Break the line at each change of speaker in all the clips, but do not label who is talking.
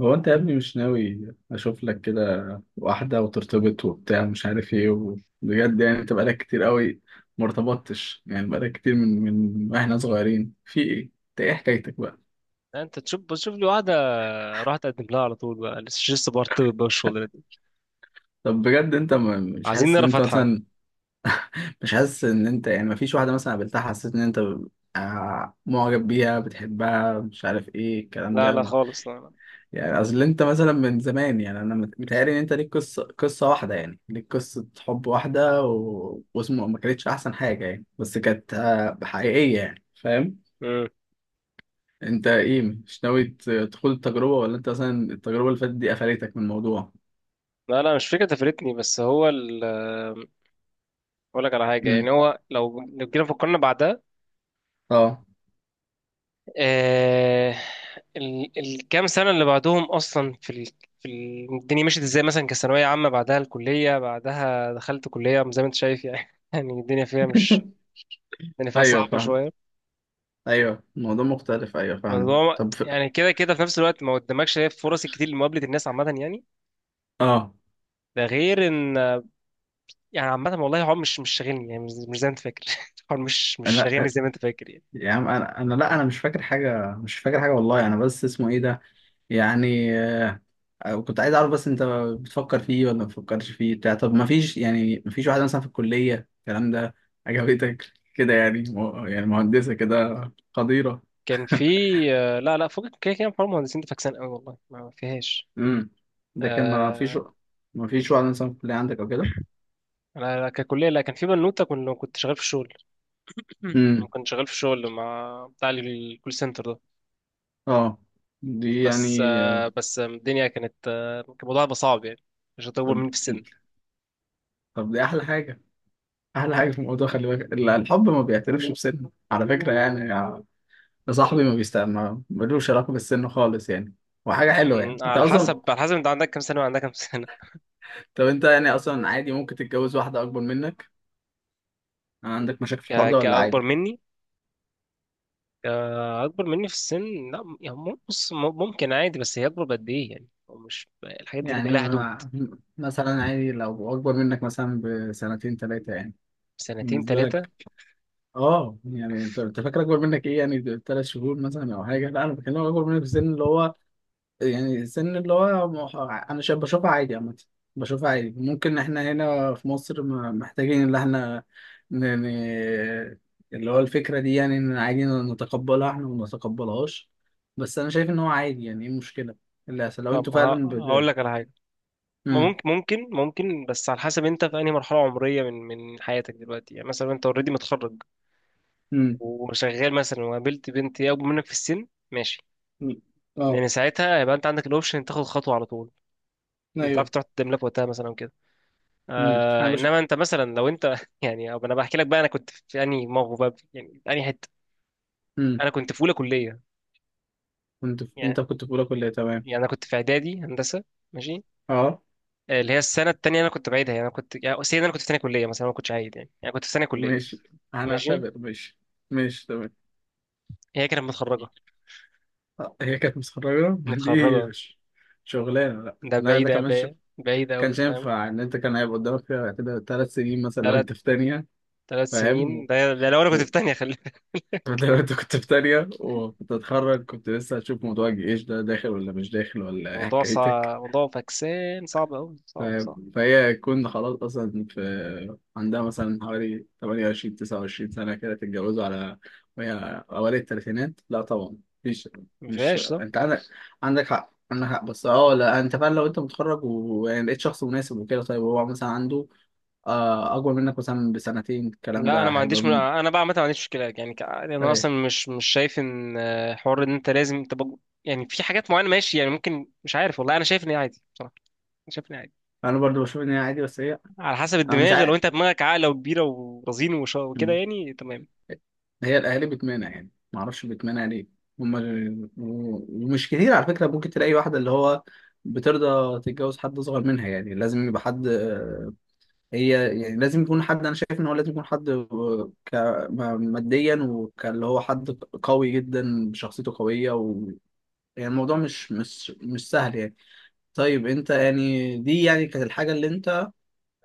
هو انت يا ابني مش ناوي اشوف لك كده واحدة وترتبط وبتاع مش عارف ايه، وبجد يعني انت بقالك كتير قوي ما ارتبطتش، يعني بقالك كتير من واحنا صغيرين في ايه؟ انت ايه حكايتك بقى؟
انت تشوف بشوف لي واحده. راح تقدم لها على طول بقى. لسه برتبط بقى الشغل دي.
طب بجد انت مش
عايزين
حاسس ان
نرى
انت
فتحه.
مثلا مش حاسس ان انت، يعني ما فيش واحدة مثلا قابلتها حسيت ان انت معجب بيها، بتحبها، مش عارف ايه الكلام
لا لا
ده؟
خالص، لا لا.
يعني اصل انت مثلا من زمان، يعني انا متهيألي ان انت ليك قصه واحده، يعني ليك قصه حب واحده واسمه ما كانتش احسن حاجه يعني، بس كانت حقيقيه يعني، فاهم.
مم.
انت ايه؟ مش ناوي تخوض التجربه؟ ولا انت مثلا التجربه اللي فاتت دي قفلتك من الموضوع؟
لا لا، مش فكره تفرتني، بس هو ال... اقول لك على حاجه. يعني
امم.
هو لو جينا فكرنا بعدها.
اه.
آه... ال... الكام سنه اللي بعدهم اصلا في ال... في ال... الدنيا مشيت ازاي، مثلا كثانويه عامه، بعدها الكليه، بعدها دخلت كليه زي ما انت شايف يعني. يعني الدنيا فيها مش الدنيا فيها
ايوه
صعبه
فاهم.
شويه.
ايوه الموضوع مختلف، ايوه
بس
فاهم.
هو
طب في...
يعني كده كده في نفس الوقت ما قدامكش هي فرص الكتير لمقابله الناس عامه يعني.
اه.
ده غير ان... يعني عامه والله هو مش شاغلني يعني، مش زي ما انت فاكر. هو مش
انا،
شاغلني زي ما انت فاكر يعني.
يا عم انا لا انا مش فاكر حاجه، مش فاكر حاجه والله، انا بس اسمه ايه ده، يعني كنت عايز اعرف بس انت بتفكر فيه ولا ما بتفكرش فيه بتاع؟ طب ما فيش، يعني ما فيش واحده مثلا في الكليه الكلام ده عجبتك كده؟ يعني يعني مهندسه كده قديره.
كان في. لا لا، فوق كده كده. حوار المهندسين ده فاكسان قوي والله، ما فيهاش.
امم. ده كان ما فيش؟
آه،
ما فيش واحده مثلا في الكليه عندك او كده؟
انا ككليه، لا كان في بنوته. كنت شغال في الشغل.
امم.
كنت شغال في الشغل مع بتاع الكول سنتر ده.
اه. دي
بس
يعني
بس الدنيا كانت كان الموضوع هيبقى صعب يعني. مش هتطول
طب،
مني في السن.
طب دي احلى حاجه، احلى حاجه في الموضوع. خلي بالك الحب ما بيعترفش بسن على فكره، يعني يا صاحبي، ما بيست، ما ملوش علاقه بالسن خالص يعني، وحاجه حلوه
مم،
يعني انت
على
اصلا.
حسب على حسب انت عندك كام سنة وعندك كام سنة.
طب انت يعني اصلا عادي ممكن تتجوز واحدة اكبر منك؟ يعني عندك مشاكل في الحوار ده ولا
كأكبر
عادي؟
مني. كأكبر مني في السن، لا يعني بص ممكن عادي، بس هي أكبر بقد إيه يعني؟ هو مش الحاجات دي بيبقى
يعني
لها حدود.
مثلا عادي لو اكبر منك مثلا بسنتين ثلاثة يعني،
سنتين
بالنسبة
ثلاثة.
لك؟ اه، يعني انت فاكر اكبر منك ايه، يعني ثلاث شهور مثلا او حاجة؟ لا انا بكلمك اكبر منك في السن، اللي هو يعني سن اللي هو انا شايف، بشوفها عادي عامة، بشوفها عادي. ممكن احنا هنا في مصر محتاجين ان احنا ن... ن... اللي هو الفكرة دي، يعني ان عادي نتقبلها احنا وما نتقبلهاش، بس انا شايف ان هو عادي يعني. ايه المشكلة اللي هيحصل لو انتوا
طب
فعلا
هقول
بت...؟
لك على حاجة. ما
مم.
ممكن بس على حسب انت في أنهي مرحلة عمرية من حياتك دلوقتي. يعني مثلا انت اوريدي متخرج
مم.
وشغال مثلا، وقابلت بنت هي أكبر منك في السن، ماشي.
مم. اه
لأن ساعتها هيبقى انت عندك الأوبشن تاخد خطوة على طول. انت عارف
ايوه.
تروح تقدم لك وقتها مثلا.
انا
آه،
بش.
انما انت مثلا لو انت يعني، أو انا بحكي لك بقى انا كنت في انهي موقف بقى يعني انهي حته.
مم.
انا كنت في اولى كليه.
كنت في... انت
يعني
كنت في اولى كلية، تمام.
انا كنت في اعدادي هندسه، ماشي.
اه،
اللي هي السنه التانية انا كنت بعيدها يعني. انا كنت، يعني سيدي، انا كنت في ثانيه كليه مثلا، ما كنتش عايد يعني، يعني كنت في ثانيه كليه.
ماشي،
ماشي.
هنعتبر ماشي. ماشي تمام.
هي كانت متخرجه،
هي كانت متخرجة دي
متخرجه.
مش شغلانة، لا
ده
لا ده
بعيده
كمان
بقى، بعيده قوي،
كانش
فاهم.
ينفع، ان انت كان هيبقى قدامك فيها كده ثلاث سنين مثلا لو
ثلاث
انت في تانية.
ثلاث
فاهم
سنين. ده، ده لو انا كنت
و...
في ثانيه، خلي بالك.
ده لو انت كنت في تانية وكنت هتخرج، كنت لسه هتشوف موضوع الجيش ده داخل ولا مش داخل ولا ايه
موضوع
حكايتك.
صعب، موضوع فكسان، صعب قوي،
ف-
صعب صعب.
فهي تكون خلاص اصلا في عندها مثلا حوالي 28 29 سنه، كده تتجوزوا على وهي اوائل الثلاثينات، لا طبعا مفيش.
ما
مش
فيهاش صح.
انت عندك عندك حق، عندك حق. بس اه لا، انت فعلا لو انت متخرج يعني لقيت شخص مناسب وكده، طيب هو مثلا عنده اكبر منك مثلا بسنتين، الكلام
لا
ده
انا ما
هيبقى
عنديش
من...
انا بقى عامه ما عنديش مشكله يعني. يعني انا اصلا
ايه.
مش شايف ان حوار ان انت لازم تبقى. يعني في حاجات معينه، ماشي يعني ممكن، مش عارف والله انا شايف ان هي عادي بصراحه. أنا شايف ان هي عادي.
انا برضو بشوف ان هي عادي، بس هي
على حسب
انا مش
الدماغ، لو
عارف،
انت دماغك عاقله وكبيره ورزين وكده يعني تمام.
هي الاهالي بتمانع يعني ما اعرفش، بتمانع ليه هما؟ ومش كتير على فكره ممكن تلاقي واحده اللي هو بترضى تتجوز حد اصغر منها، يعني لازم يبقى حد هي يعني لازم يكون حد. انا شايف ان هو لازم يكون حد ك ماديا، وكاللي هو حد قوي جدا، شخصيته قويه، و... يعني الموضوع مش سهل يعني. طيب انت يعني، دي يعني كانت الحاجه اللي انت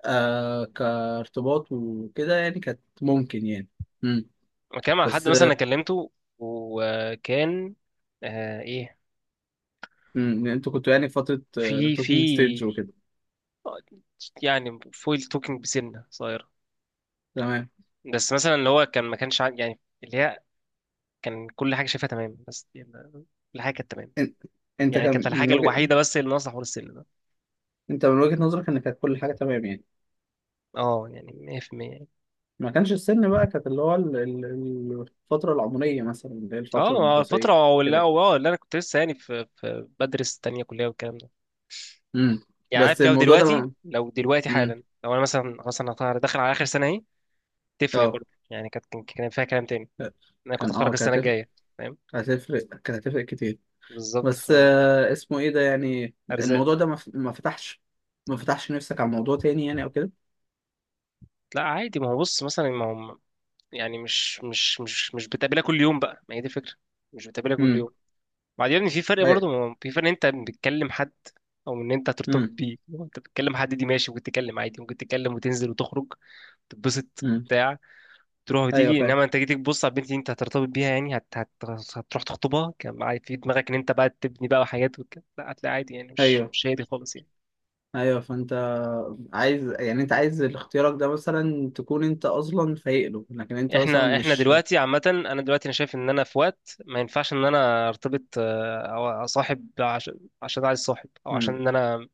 كارتباط وكده يعني، كانت ممكن يعني. مم.
انا كلام على حد
بس
مثلا، انا كلمته وكان آه ايه،
امم، انتوا كنتوا يعني في فترة
في
توكينج
في
ستيج وكده،
يعني فويل توكينج بسنه صغيره.
تمام.
بس مثلا اللي هو كان ما كانش يعني اللي هي كان كل حاجه شايفها تمام، بس يعني كل حاجه كانت تمام.
ان- انت
يعني كانت
كان من
الحاجة
وجه،
الوحيدة بس اللي ناقصة حوار السن ده.
انت من وجهة نظرك، ان كانت كل حاجة تمام يعني؟
اه يعني 100% يعني.
ما كانش السن بقى، كانت اللي هو الفترة العمرية مثلا، اللي هي
اه
الفترة الدراسية
فترة، ولا
كده.
اه اللي انا كنت لسه يعني في بدرس تانية كلية والكلام ده.
امم.
يعني
بس
عارف، لو
الموضوع ده
دلوقتي، لو دلوقتي
امم،
حالا، لو انا مثلا خلاص انا داخل على اخر سنة اهي. تفرق
اه،
برضه يعني. كانت كان فيها كلام تاني. انا كنت
كان
اتخرج
اه،
السنة
كانت هتفرق،
الجاية. فاهم.
كانت هتفرق، كانت هتفرق كتير.
بالظبط.
بس اسمه ايه ده، يعني
فارزاق.
الموضوع ده ما فتحش، ما فتحش نفسك على موضوع تاني يعني او كده؟
لا عادي، ما هو بص، مثلا ما هو يعني مش بتقابلها كل يوم بقى، ما هي دي الفكرة. مش بتقابلها كل
امم،
يوم. بعدين في فرق
ايوه.
برضه، ما هو في فرق إن انت بتكلم حد او ان انت هترتبط
امم.
بيه. لو انت بتكلم حد دي ماشي، ممكن تتكلم عادي، ممكن تتكلم وتنزل وتخرج، تتبسط
امم.
بتاع، تروح
ايوه
وتيجي.
فاهم.
انما انت جيت تبص على البنت دي انت هترتبط بيها يعني، هتروح تخطبها، كان معايا في دماغك ان انت بقى تبني بقى حاجات لا هتلاقي عادي يعني، مش
ايوه،
مش هي دي خالص يعني.
ايوه فانت عايز، يعني انت عايز اختيارك ده مثلا تكون انت اصلا فايق له، لكن انت مثلا
احنا
مش.
دلوقتي عامة، انا دلوقتي شايف ان انا في وقت ما ينفعش ان انا ارتبط او اصاحب، عشان عايز صاحب، او عشان
مم.
ان انا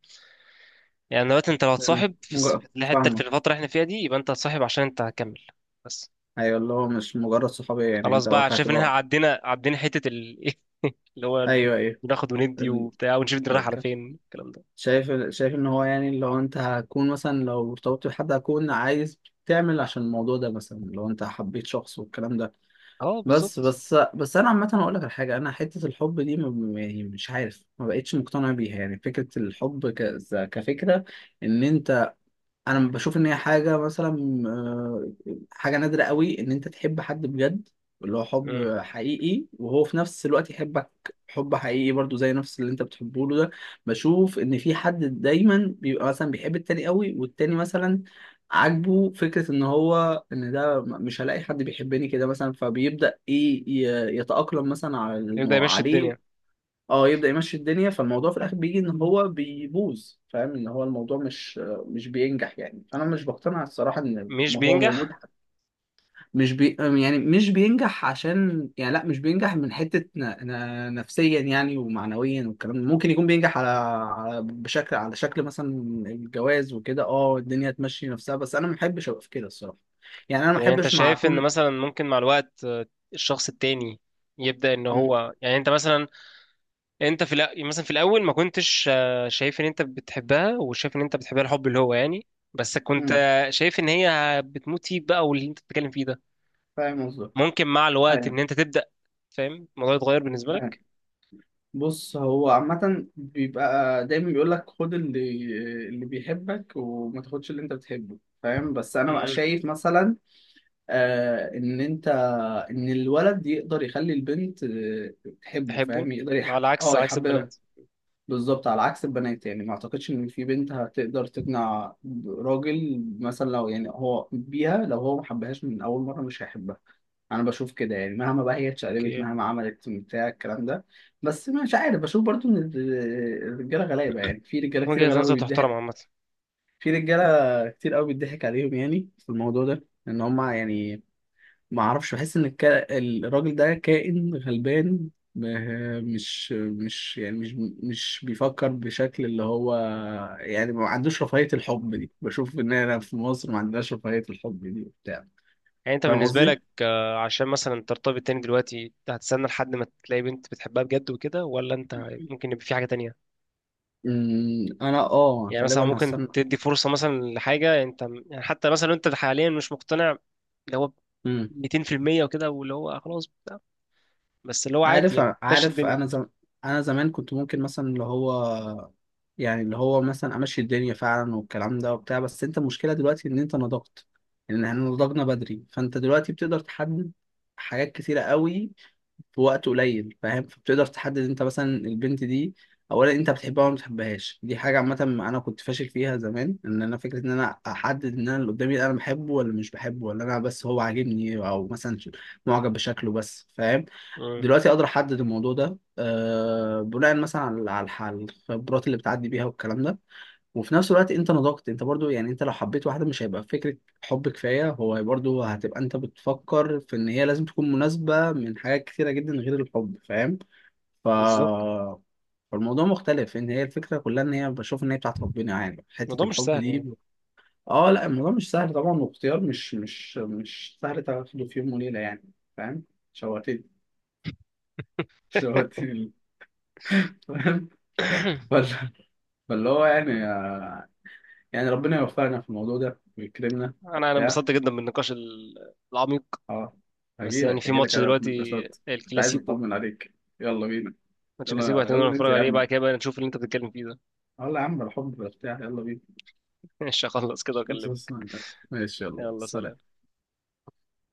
يعني دلوقتي، انت لو هتصاحب في
مجرد
في الحته، في
فاهمك.
الفتره اللي احنا فيها دي، يبقى انت هتصاحب عشان انت هتكمل بس.
ايوه، اللي هو مش مجرد صحابيه يعني،
خلاص
انت
بقى،
واقعت
شايف ان احنا
بقى.
عدينا حته ال... اللي هو
ايوه ايوه.
بناخد وندي
ال...
وبتاع ونشوف الدنيا رايحه على
أوكي.
فين الكلام ده.
شايف، شايف ان هو يعني لو انت هتكون مثلا لو ارتبطت بحد، هتكون عايز تعمل عشان الموضوع ده، مثلا لو انت حبيت شخص والكلام ده.
اه
بس
بالظبط.
بس بس انا عامه اقول لك على حاجه، انا حته الحب دي يعني مش عارف، ما بقتش مقتنع بيها، يعني فكره الحب كفكره ان انت، انا بشوف ان هي حاجه مثلا حاجه نادره قوي، ان انت تحب حد بجد، اللي هو
مم.
حب حقيقي، وهو في نفس الوقت يحبك حب حقيقي برضو زي نفس اللي انت بتحبه له ده. بشوف ان في حد دايما بيبقى مثلا بيحب التاني قوي، والتاني مثلا عاجبه فكره ان هو، ان ده مش هلاقي حد بيحبني كده مثلا، فبيبدا ايه يتاقلم مثلا على
يبدا يمشي الدنيا.
عليه، اه يبدأ يمشي الدنيا. فالموضوع في الآخر بيجي إن هو بيبوظ، فاهم إن هو الموضوع مش بينجح يعني. أنا مش بقتنع الصراحة إن
مش
ما هو موجود.
بينجح.
مش بي يعني مش بينجح، عشان يعني لا مش بينجح من حتة نفسيا يعني ومعنويا والكلام ده. ممكن يكون بينجح على... على بشكل، على شكل مثلا الجواز وكده، اه الدنيا تمشي نفسها. بس أنا ما بحبش أبقى في كده الصراحة، يعني أنا ما
طب يعني انت
بحبش مع
شايف ان
أكون.
مثلا ممكن مع الوقت الشخص التاني يبدا ان
م-
هو يعني. انت مثلا انت في مثلا في الاول ما كنتش شايف ان انت بتحبها، وشايف ان انت بتحبها الحب اللي هو يعني. بس كنت
م-
شايف ان هي بتموت فيك بقى، واللي انت بتتكلم فيه ده
فاهم قصدك.
ممكن مع الوقت
أيوه.
ان انت تبدا، فاهم، الموضوع يتغير بالنسبه
أيوه.
لك.
بص هو عامة بيبقى دايما بيقول لك خد اللي، اللي بيحبك وما تاخدش اللي انت بتحبه. فاهم؟ بس انا بقى
امم.
شايف مثلا ان انت، ان الولد يقدر يخلي البنت تحبه،
تحبه.
فاهم؟ يقدر
على عكس
اه
عكس
يحببها.
البنات.
بالظبط، على عكس البنات. يعني ما اعتقدش ان في بنت هتقدر تقنع راجل مثلا لو يعني هو بيها، لو هو ما حبهاش من اول مره مش هيحبها، انا بشوف كده يعني. مهما بقى هي اتشقلبت،
اوكي.
مهما عملت بتاع الكلام ده. بس مش عارف، بشوف برضو ان الرجاله غلابه، يعني في رجاله كتير
وجهه
غلابه
نظر تحترم
بيضحك،
عامه.
في رجاله كتير قوي بيضحك عليهم، يعني في الموضوع ده ان هم يعني ما اعرفش، بحس ان الراجل ده كائن غلبان مش يعني مش بيفكر بشكل اللي هو، يعني ما عندوش رفاهية الحب دي. بشوف ان انا في مصر ما عندناش رفاهية الحب دي وبتاع،
يعني انت
فاهم
بالنسبه
قصدي؟
لك عشان مثلا ترتبط تاني دلوقتي، انت هتستنى لحد ما تلاقي بنت بتحبها بجد وكده، ولا انت ممكن يبقى في حاجه تانية؟
أمم، انا اه
يعني مثلا
غالبا
ممكن
هستنى.
تدي فرصة مثلا لحاجة انت، يعني حتى مثلا لو انت حاليا مش مقتنع اللي هو 200% وكده، واللي هو خلاص بتاع، بس اللي هو عادي
عارف،
يعني ماشي
عارف،
الدنيا.
انا زم... انا زمان كنت ممكن مثلا اللي هو، يعني اللي هو مثلا امشي الدنيا فعلا والكلام ده وبتاع. بس انت المشكله دلوقتي ان انت نضجت، ان احنا نضجنا بدري، فانت دلوقتي بتقدر تحدد حاجات كتيره قوي في وقت قليل، فاهم. فبتقدر تحدد انت مثلا البنت دي، اولا انت بتحبها ولا ما بتحبهاش، دي حاجه عامه. انا كنت فاشل فيها زمان ان انا فكره ان انا احدد ان انا اللي قدامي ده انا بحبه ولا مش بحبه، ولا انا بس هو عاجبني، او مثلا معجب بشكله بس، فاهم.
امم.
دلوقتي اقدر احدد الموضوع ده أه بناء مثلا على الخبرات اللي بتعدي بيها والكلام ده. وفي نفس الوقت انت نضجت، انت برضو يعني انت لو حبيت واحده مش هيبقى فكره حب كفايه، هو برضو هتبقى انت بتفكر في ان هي لازم تكون مناسبه من حاجات كتيره جدا غير الحب، فاهم. ف،
بالظبط.
فالموضوع مختلف، ان هي الفكره كلها ان هي بشوف ان هي بتاعت ربنا يعني حته
الموضوع مش
الحب
سهل
دي.
يعني.
اه لا الموضوع مش سهل طبعا، واختيار مش سهل تاخده في يوم وليله يعني. فاهم. شوقتني شوقتني، فاهم. فال- فاللي هو يعني يعني ربنا يوفقنا في الموضوع ده ويكرمنا
انا
وبتاع.
انبسطت جدا بالنقاش العميق.
اه،
بس يعني
هجيلك
في
هجيلك
ماتش
انا في
دلوقتي،
النقاشات، كنت عايز
الكلاسيكو.
اطمن عليك. يلا بينا.
ماتش كلاسيكو
يلا، يلا
هتنزل نتفرج
ننزل يا
عليه
عم،
بعد كده بقى، نشوف اللي انت بتتكلم فيه ده.
يلا يا عم الحب بتاع، يلا بينا.
مش هخلص كده
مش بس-
واكلمك.
ماشي، يلا
يلا سلام.
سلام.